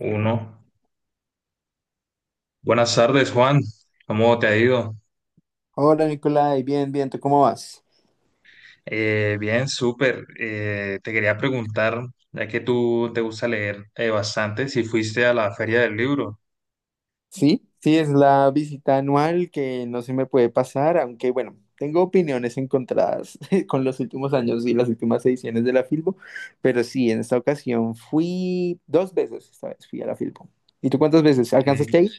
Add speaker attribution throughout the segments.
Speaker 1: Uno. Buenas tardes, Juan. ¿Cómo te ha ido?
Speaker 2: Hola Nicolai, bien, bien, ¿tú cómo vas?
Speaker 1: Bien, súper. Te quería preguntar, ya que tú te gusta leer bastante, si fuiste a la Feria del Libro.
Speaker 2: Sí, sí, es la visita anual que no se me puede pasar, aunque bueno, tengo opiniones encontradas con los últimos años y las últimas ediciones de la Filbo, pero sí, en esta ocasión fui dos veces, esta vez fui a la Filbo. ¿Y tú cuántas veces?
Speaker 1: Sí.
Speaker 2: ¿Alcanzaste ahí?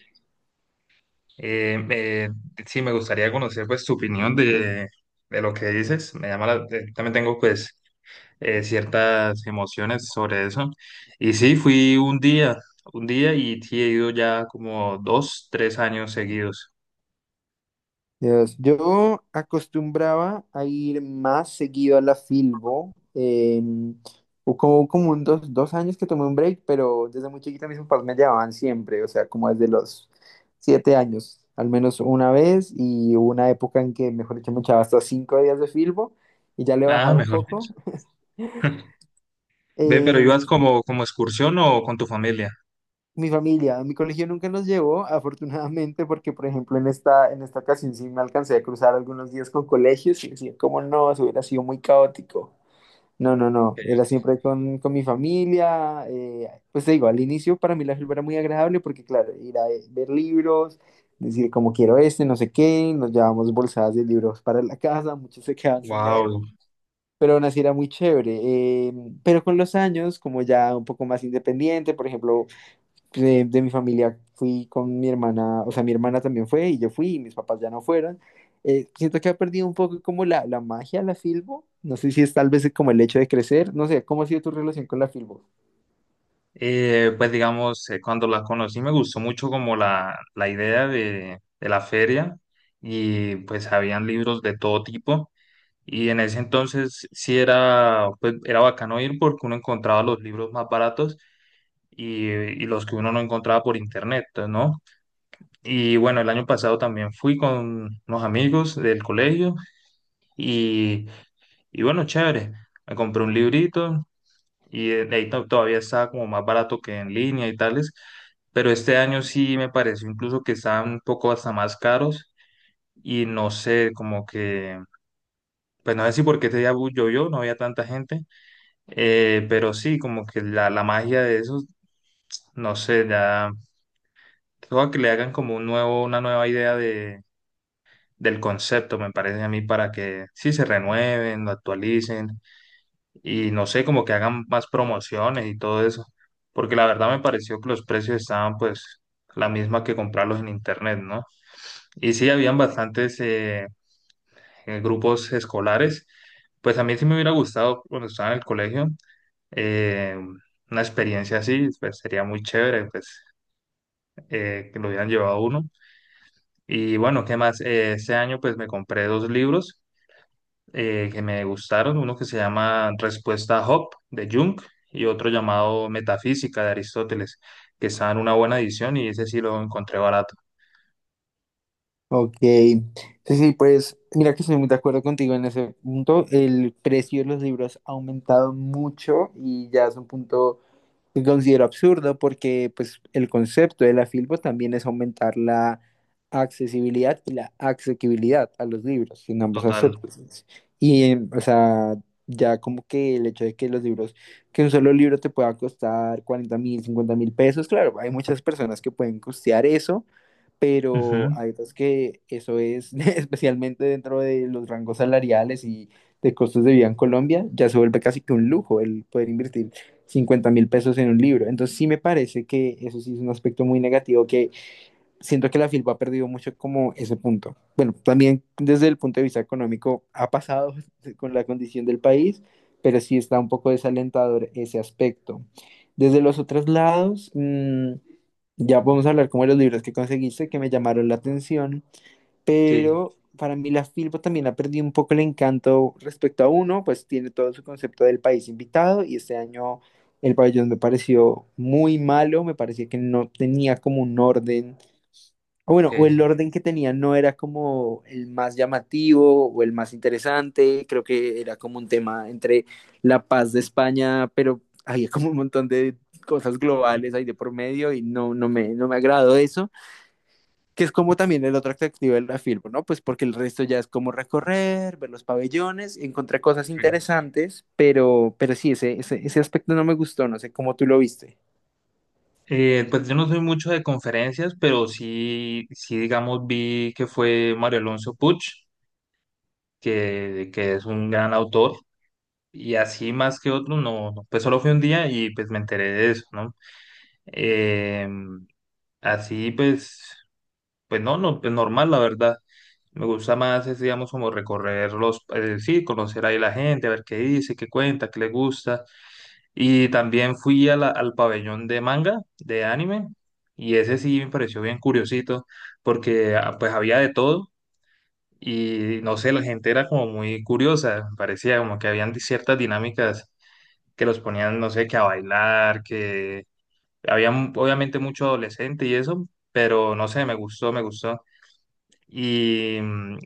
Speaker 1: Eh, eh, sí, me gustaría conocer pues tu opinión de lo que dices. También tengo pues ciertas emociones sobre eso. Y sí, fui un día y sí he ido ya como 2, 3 años seguidos.
Speaker 2: Dios, yo acostumbraba a ir más seguido a la Filbo. Como, como un dos años que tomé un break, pero desde muy chiquita mis papás me llevaban siempre, o sea, como desde los 7 años, al menos una vez, y hubo una época en que, mejor dicho, me echaba hasta 5 días de Filbo y ya le he
Speaker 1: Nada,
Speaker 2: bajado un
Speaker 1: mejor
Speaker 2: poco.
Speaker 1: dicho. Ve, pero
Speaker 2: Em,
Speaker 1: ibas como excursión o con tu familia.
Speaker 2: Mi familia, mi colegio nunca nos llevó, afortunadamente, porque por ejemplo en esta ocasión sí me alcancé a cruzar algunos días con colegios y decía, ¿cómo no? Eso hubiera sido muy caótico. No, no, no, era siempre con mi familia. Pues te digo, al inicio para mí la selva era muy agradable porque claro, ir a ver libros, decir como quiero este, no sé qué, nos llevábamos bolsadas de libros para la casa, muchos se quedaban sin leer.
Speaker 1: Wow.
Speaker 2: Pero aún así era muy chévere. Pero con los años, como ya un poco más independiente, por ejemplo, de mi familia fui con mi hermana, o sea, mi hermana también fue y yo fui y mis papás ya no fueron. Siento que ha perdido un poco como la magia la Filbo. No sé si es tal vez como el hecho de crecer. No sé, ¿cómo ha sido tu relación con la Filbo?
Speaker 1: Pues digamos, cuando la conocí me gustó mucho como la idea de la feria y pues habían libros de todo tipo, y en ese entonces sí era, pues, era bacano ir porque uno encontraba los libros más baratos, y los que uno no encontraba por internet, pues, ¿no? Y bueno, el año pasado también fui con unos amigos del colegio y, y bueno, chévere. Me compré un librito y ahí todavía estaba como más barato que en línea y tales, pero este año sí me pareció incluso que estaban un poco hasta más caros y no sé, pues no sé si porque este día llovió, no había tanta gente, pero sí, como que la magia de eso, no sé, ya, creo que le hagan como un nuevo, una nueva idea de… del concepto, me parece a mí, para que sí se renueven, lo actualicen, y no sé, como que hagan más promociones y todo eso, porque la verdad me pareció que los precios estaban pues la misma que comprarlos en internet, ¿no? Y sí, habían bastantes grupos escolares. Pues a mí sí me hubiera gustado cuando estaba en el colegio, eh, una experiencia así. Pues sería muy chévere, pues que lo hubieran llevado a uno. Y bueno, ¿qué más? Ese año pues me compré dos libros que me gustaron, uno que se llama Respuesta a Hop de Jung y otro llamado Metafísica de Aristóteles, que está en una buena edición y ese sí lo encontré barato.
Speaker 2: Ok. Sí, sí, pues mira que estoy muy de acuerdo contigo en ese punto. El precio de los libros ha aumentado mucho y ya es un punto que considero absurdo porque pues el concepto de la Filbo también es aumentar la accesibilidad y la asequibilidad a los libros en ambos
Speaker 1: Total.
Speaker 2: aspectos. Y, o sea, ya como que el hecho de que los libros, que un solo libro te pueda costar 40 mil, 50 mil pesos, claro, hay muchas personas que pueden costear eso, pero
Speaker 1: Ujú.
Speaker 2: hay otras que eso es, especialmente dentro de los rangos salariales y de costos de vida en Colombia, ya se vuelve casi que un lujo el poder invertir 50.000 pesos en un libro. Entonces sí me parece que eso sí es un aspecto muy negativo, que siento que la filpa ha perdido mucho como ese punto. Bueno, también desde el punto de vista económico ha pasado con la condición del país, pero sí está un poco desalentador ese aspecto. Desde los otros lados, ya podemos hablar como de los libros que conseguiste que me llamaron la atención,
Speaker 1: Sí.
Speaker 2: pero para mí la Filbo también ha perdido un poco el encanto respecto a uno, pues tiene todo su concepto del país invitado y este año el pabellón me pareció muy malo, me parecía que no tenía como un orden, o
Speaker 1: Ok.
Speaker 2: bueno, o el orden que tenía no era como el más llamativo o el más interesante, creo que era como un tema entre la paz de España, pero había como un montón de cosas
Speaker 1: Mm,
Speaker 2: globales ahí de por medio y no, no me, no me agradó eso, que es como también el otro atractivo de la film, ¿no? Pues porque el resto ya es como recorrer, ver los pabellones, encontrar cosas
Speaker 1: correcto.
Speaker 2: interesantes, pero sí, ese aspecto no me gustó, no sé cómo tú lo viste.
Speaker 1: Pues yo no soy mucho de conferencias, pero sí, sí, digamos, vi que fue Mario Alonso Puch, que es un gran autor, y así más que otro, no, no, pues solo fui un día y pues me enteré de eso, ¿no? Eh, Así pues, pues no, no, pues normal, la verdad. Me gusta más, es, digamos, como recorrer sí, conocer ahí la gente, a ver qué dice, qué cuenta, qué le gusta. Y también fui al pabellón de manga, de anime, y ese sí me pareció bien curiosito, porque ah, pues había de todo, y no sé, la gente era como muy curiosa, parecía como que habían ciertas dinámicas que los ponían, no sé, que a bailar, que había obviamente mucho adolescente y eso, pero no sé, me gustó, me gustó. Y mm,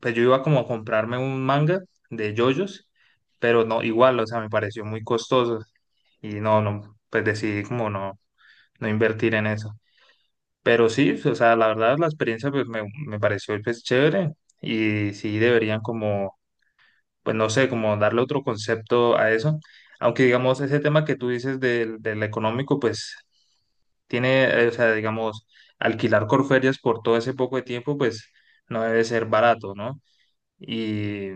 Speaker 1: pues yo iba como a comprarme un manga de JoJo's, pero no, igual, o sea, me pareció muy costoso. Y no, no, pues decidí como no, no invertir en eso. Pero sí, o sea, la verdad la experiencia pues me pareció pues chévere, y sí deberían como pues no sé, como darle otro concepto a eso. Aunque digamos, ese tema que tú dices del, del económico, pues tiene, o sea, digamos, alquilar Corferias por todo ese poco de tiempo, pues no debe ser barato, ¿no? Y,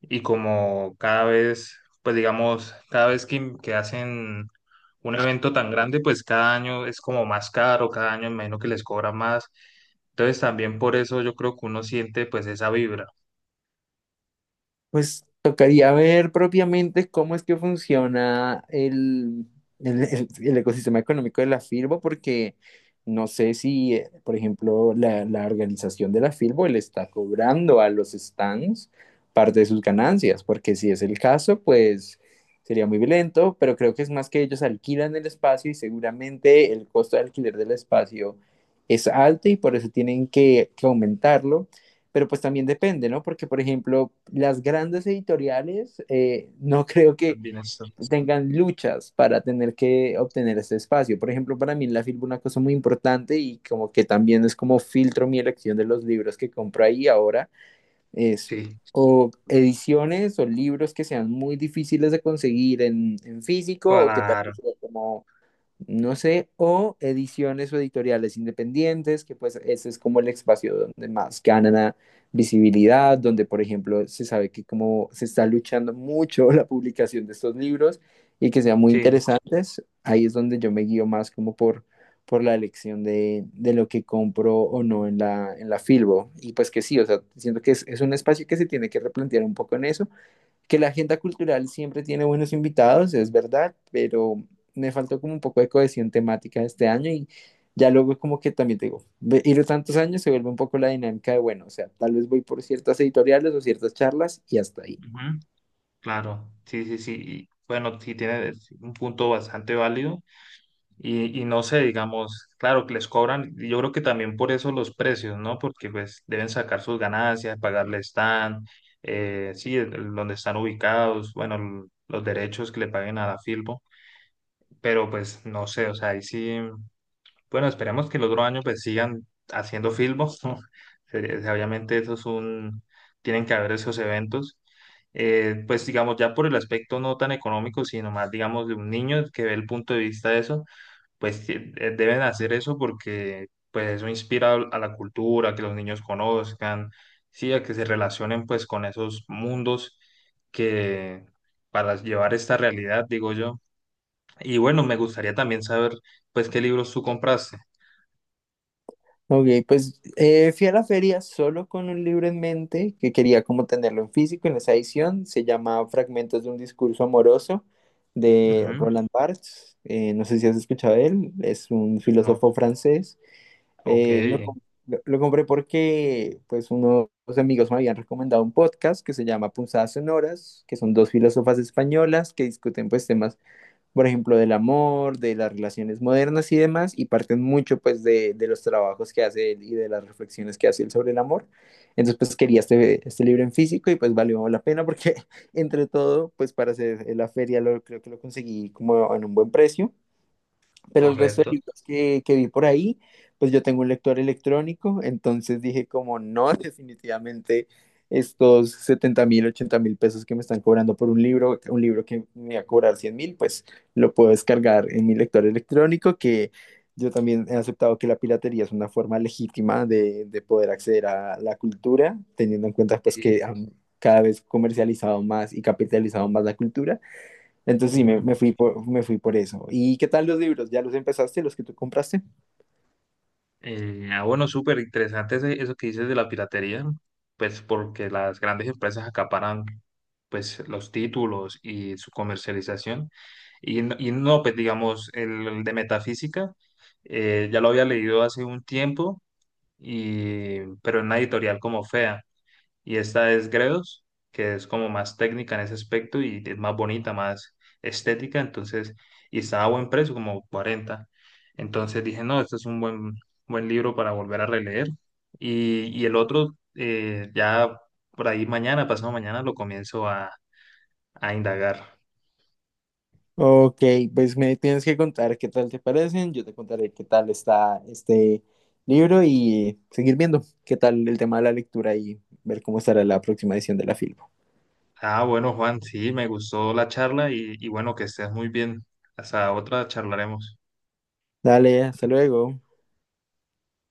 Speaker 1: y como cada vez, pues digamos, cada vez que hacen un evento tan grande, pues cada año es como más caro, cada año me imagino que les cobra más. Entonces también por eso yo creo que uno siente pues esa vibra.
Speaker 2: Pues tocaría ver propiamente cómo es que funciona el ecosistema económico de la FIRBO, porque no sé si, por ejemplo, la organización de la FIRBO le está cobrando a los stands parte de sus ganancias, porque si es el caso, pues sería muy violento, pero creo que es más que ellos alquilan el espacio y seguramente el costo de alquiler del espacio es alto y por eso tienen que aumentarlo, pero pues también depende, ¿no? Porque, por ejemplo, las grandes editoriales no creo que
Speaker 1: También eso.
Speaker 2: tengan luchas para tener que obtener este espacio. Por ejemplo, para mí en la filbo una cosa muy importante y como que también es como filtro mi elección de los libros que compro ahí ahora es
Speaker 1: Sí,
Speaker 2: o ediciones o libros que sean muy difíciles de conseguir en físico o que tal
Speaker 1: claro.
Speaker 2: vez como no sé, o ediciones o editoriales independientes, que pues ese es como el espacio donde más ganan a visibilidad, donde por ejemplo se sabe que como se está luchando mucho la publicación de estos libros y que sean muy
Speaker 1: Sí,
Speaker 2: interesantes, ahí es donde yo me guío más como por la elección de lo que compro o no en la Filbo. Y pues que sí, o sea, siento que es un espacio que se tiene que replantear un poco en eso, que la agenda cultural siempre tiene buenos invitados, es verdad, pero me faltó como un poco de cohesión temática este año y ya luego como que también te digo, ir tantos años se vuelve un poco la dinámica de, bueno, o sea, tal vez voy por ciertas editoriales o ciertas charlas y hasta ahí.
Speaker 1: ujú, claro, sí, sí, sí. Y bueno, sí tiene un punto bastante válido, y no sé, digamos, claro que les cobran, y yo creo que también por eso los precios, ¿no? Porque pues deben sacar sus ganancias, pagarle stand, sí, donde están ubicados, bueno, los derechos que le paguen a la Filpo, pero pues no sé, o sea, ahí sí. Bueno, esperemos que el otro año pues sigan haciendo filmos. Sería… Obviamente eso es un, tienen que haber esos eventos. Pues digamos, ya por el aspecto no tan económico, sino más digamos de un niño que ve el punto de vista de eso, pues deben hacer eso porque pues eso inspira a la cultura, que los niños conozcan, sí, a que se relacionen pues con esos mundos que para llevar esta realidad, digo yo. Y bueno, me gustaría también saber pues qué libros tú compraste.
Speaker 2: Ok, pues fui a la feria solo con un libro en mente que quería como tenerlo en físico en esa edición. Se llama Fragmentos de un discurso amoroso de
Speaker 1: Ujú.
Speaker 2: Roland Barthes. No sé si has escuchado de él, es un
Speaker 1: No.
Speaker 2: filósofo francés.
Speaker 1: Ok,
Speaker 2: Eh, lo, com- lo compré porque pues unos amigos me habían recomendado un podcast que se llama Punzadas Sonoras, que son dos filósofas españolas que discuten pues temas, por ejemplo, del amor, de las relaciones modernas y demás, y parten mucho pues de los trabajos que hace él y de las reflexiones que hace él sobre el amor. Entonces pues quería este, este libro en físico y pues valió la pena porque entre todo pues para hacer la feria lo, creo que lo conseguí como en un buen precio. Pero el resto de
Speaker 1: correcto.
Speaker 2: libros que vi por ahí, pues yo tengo un lector electrónico, entonces dije como no, definitivamente estos 70.000, 80.000 pesos que me están cobrando por un libro que me va a cobrar 100.000, pues lo puedo descargar en mi lector electrónico, que yo también he aceptado que la piratería es una forma legítima de poder acceder a la cultura, teniendo en cuenta pues
Speaker 1: Sí.
Speaker 2: que han cada vez comercializado más y capitalizado más la cultura. Entonces sí, me,
Speaker 1: Ujú.
Speaker 2: me fui por, me fui por eso. ¿Y qué tal los libros? ¿Ya los empezaste, los que tú compraste?
Speaker 1: Ah, bueno, súper interesante eso que dices de la piratería, pues porque las grandes empresas acaparan pues los títulos y su comercialización. Y, y no, pues digamos, el de metafísica, ya lo había leído hace un tiempo, y, pero en una editorial como Fea, y esta es Gredos, que es como más técnica en ese aspecto y es más bonita, más estética, entonces, y estaba a buen precio, como 40. Entonces dije, no, este es un buen, buen libro para volver a releer. Y el otro, ya por ahí mañana, pasado mañana, lo comienzo a indagar.
Speaker 2: Ok, pues me tienes que contar qué tal te parecen, yo te contaré qué tal está este libro y seguir viendo qué tal el tema de la lectura y ver cómo estará la próxima edición de la Filbo.
Speaker 1: Ah, bueno, Juan, sí, me gustó la charla y bueno, que estés muy bien. Hasta otra charlaremos.
Speaker 2: Dale, hasta luego.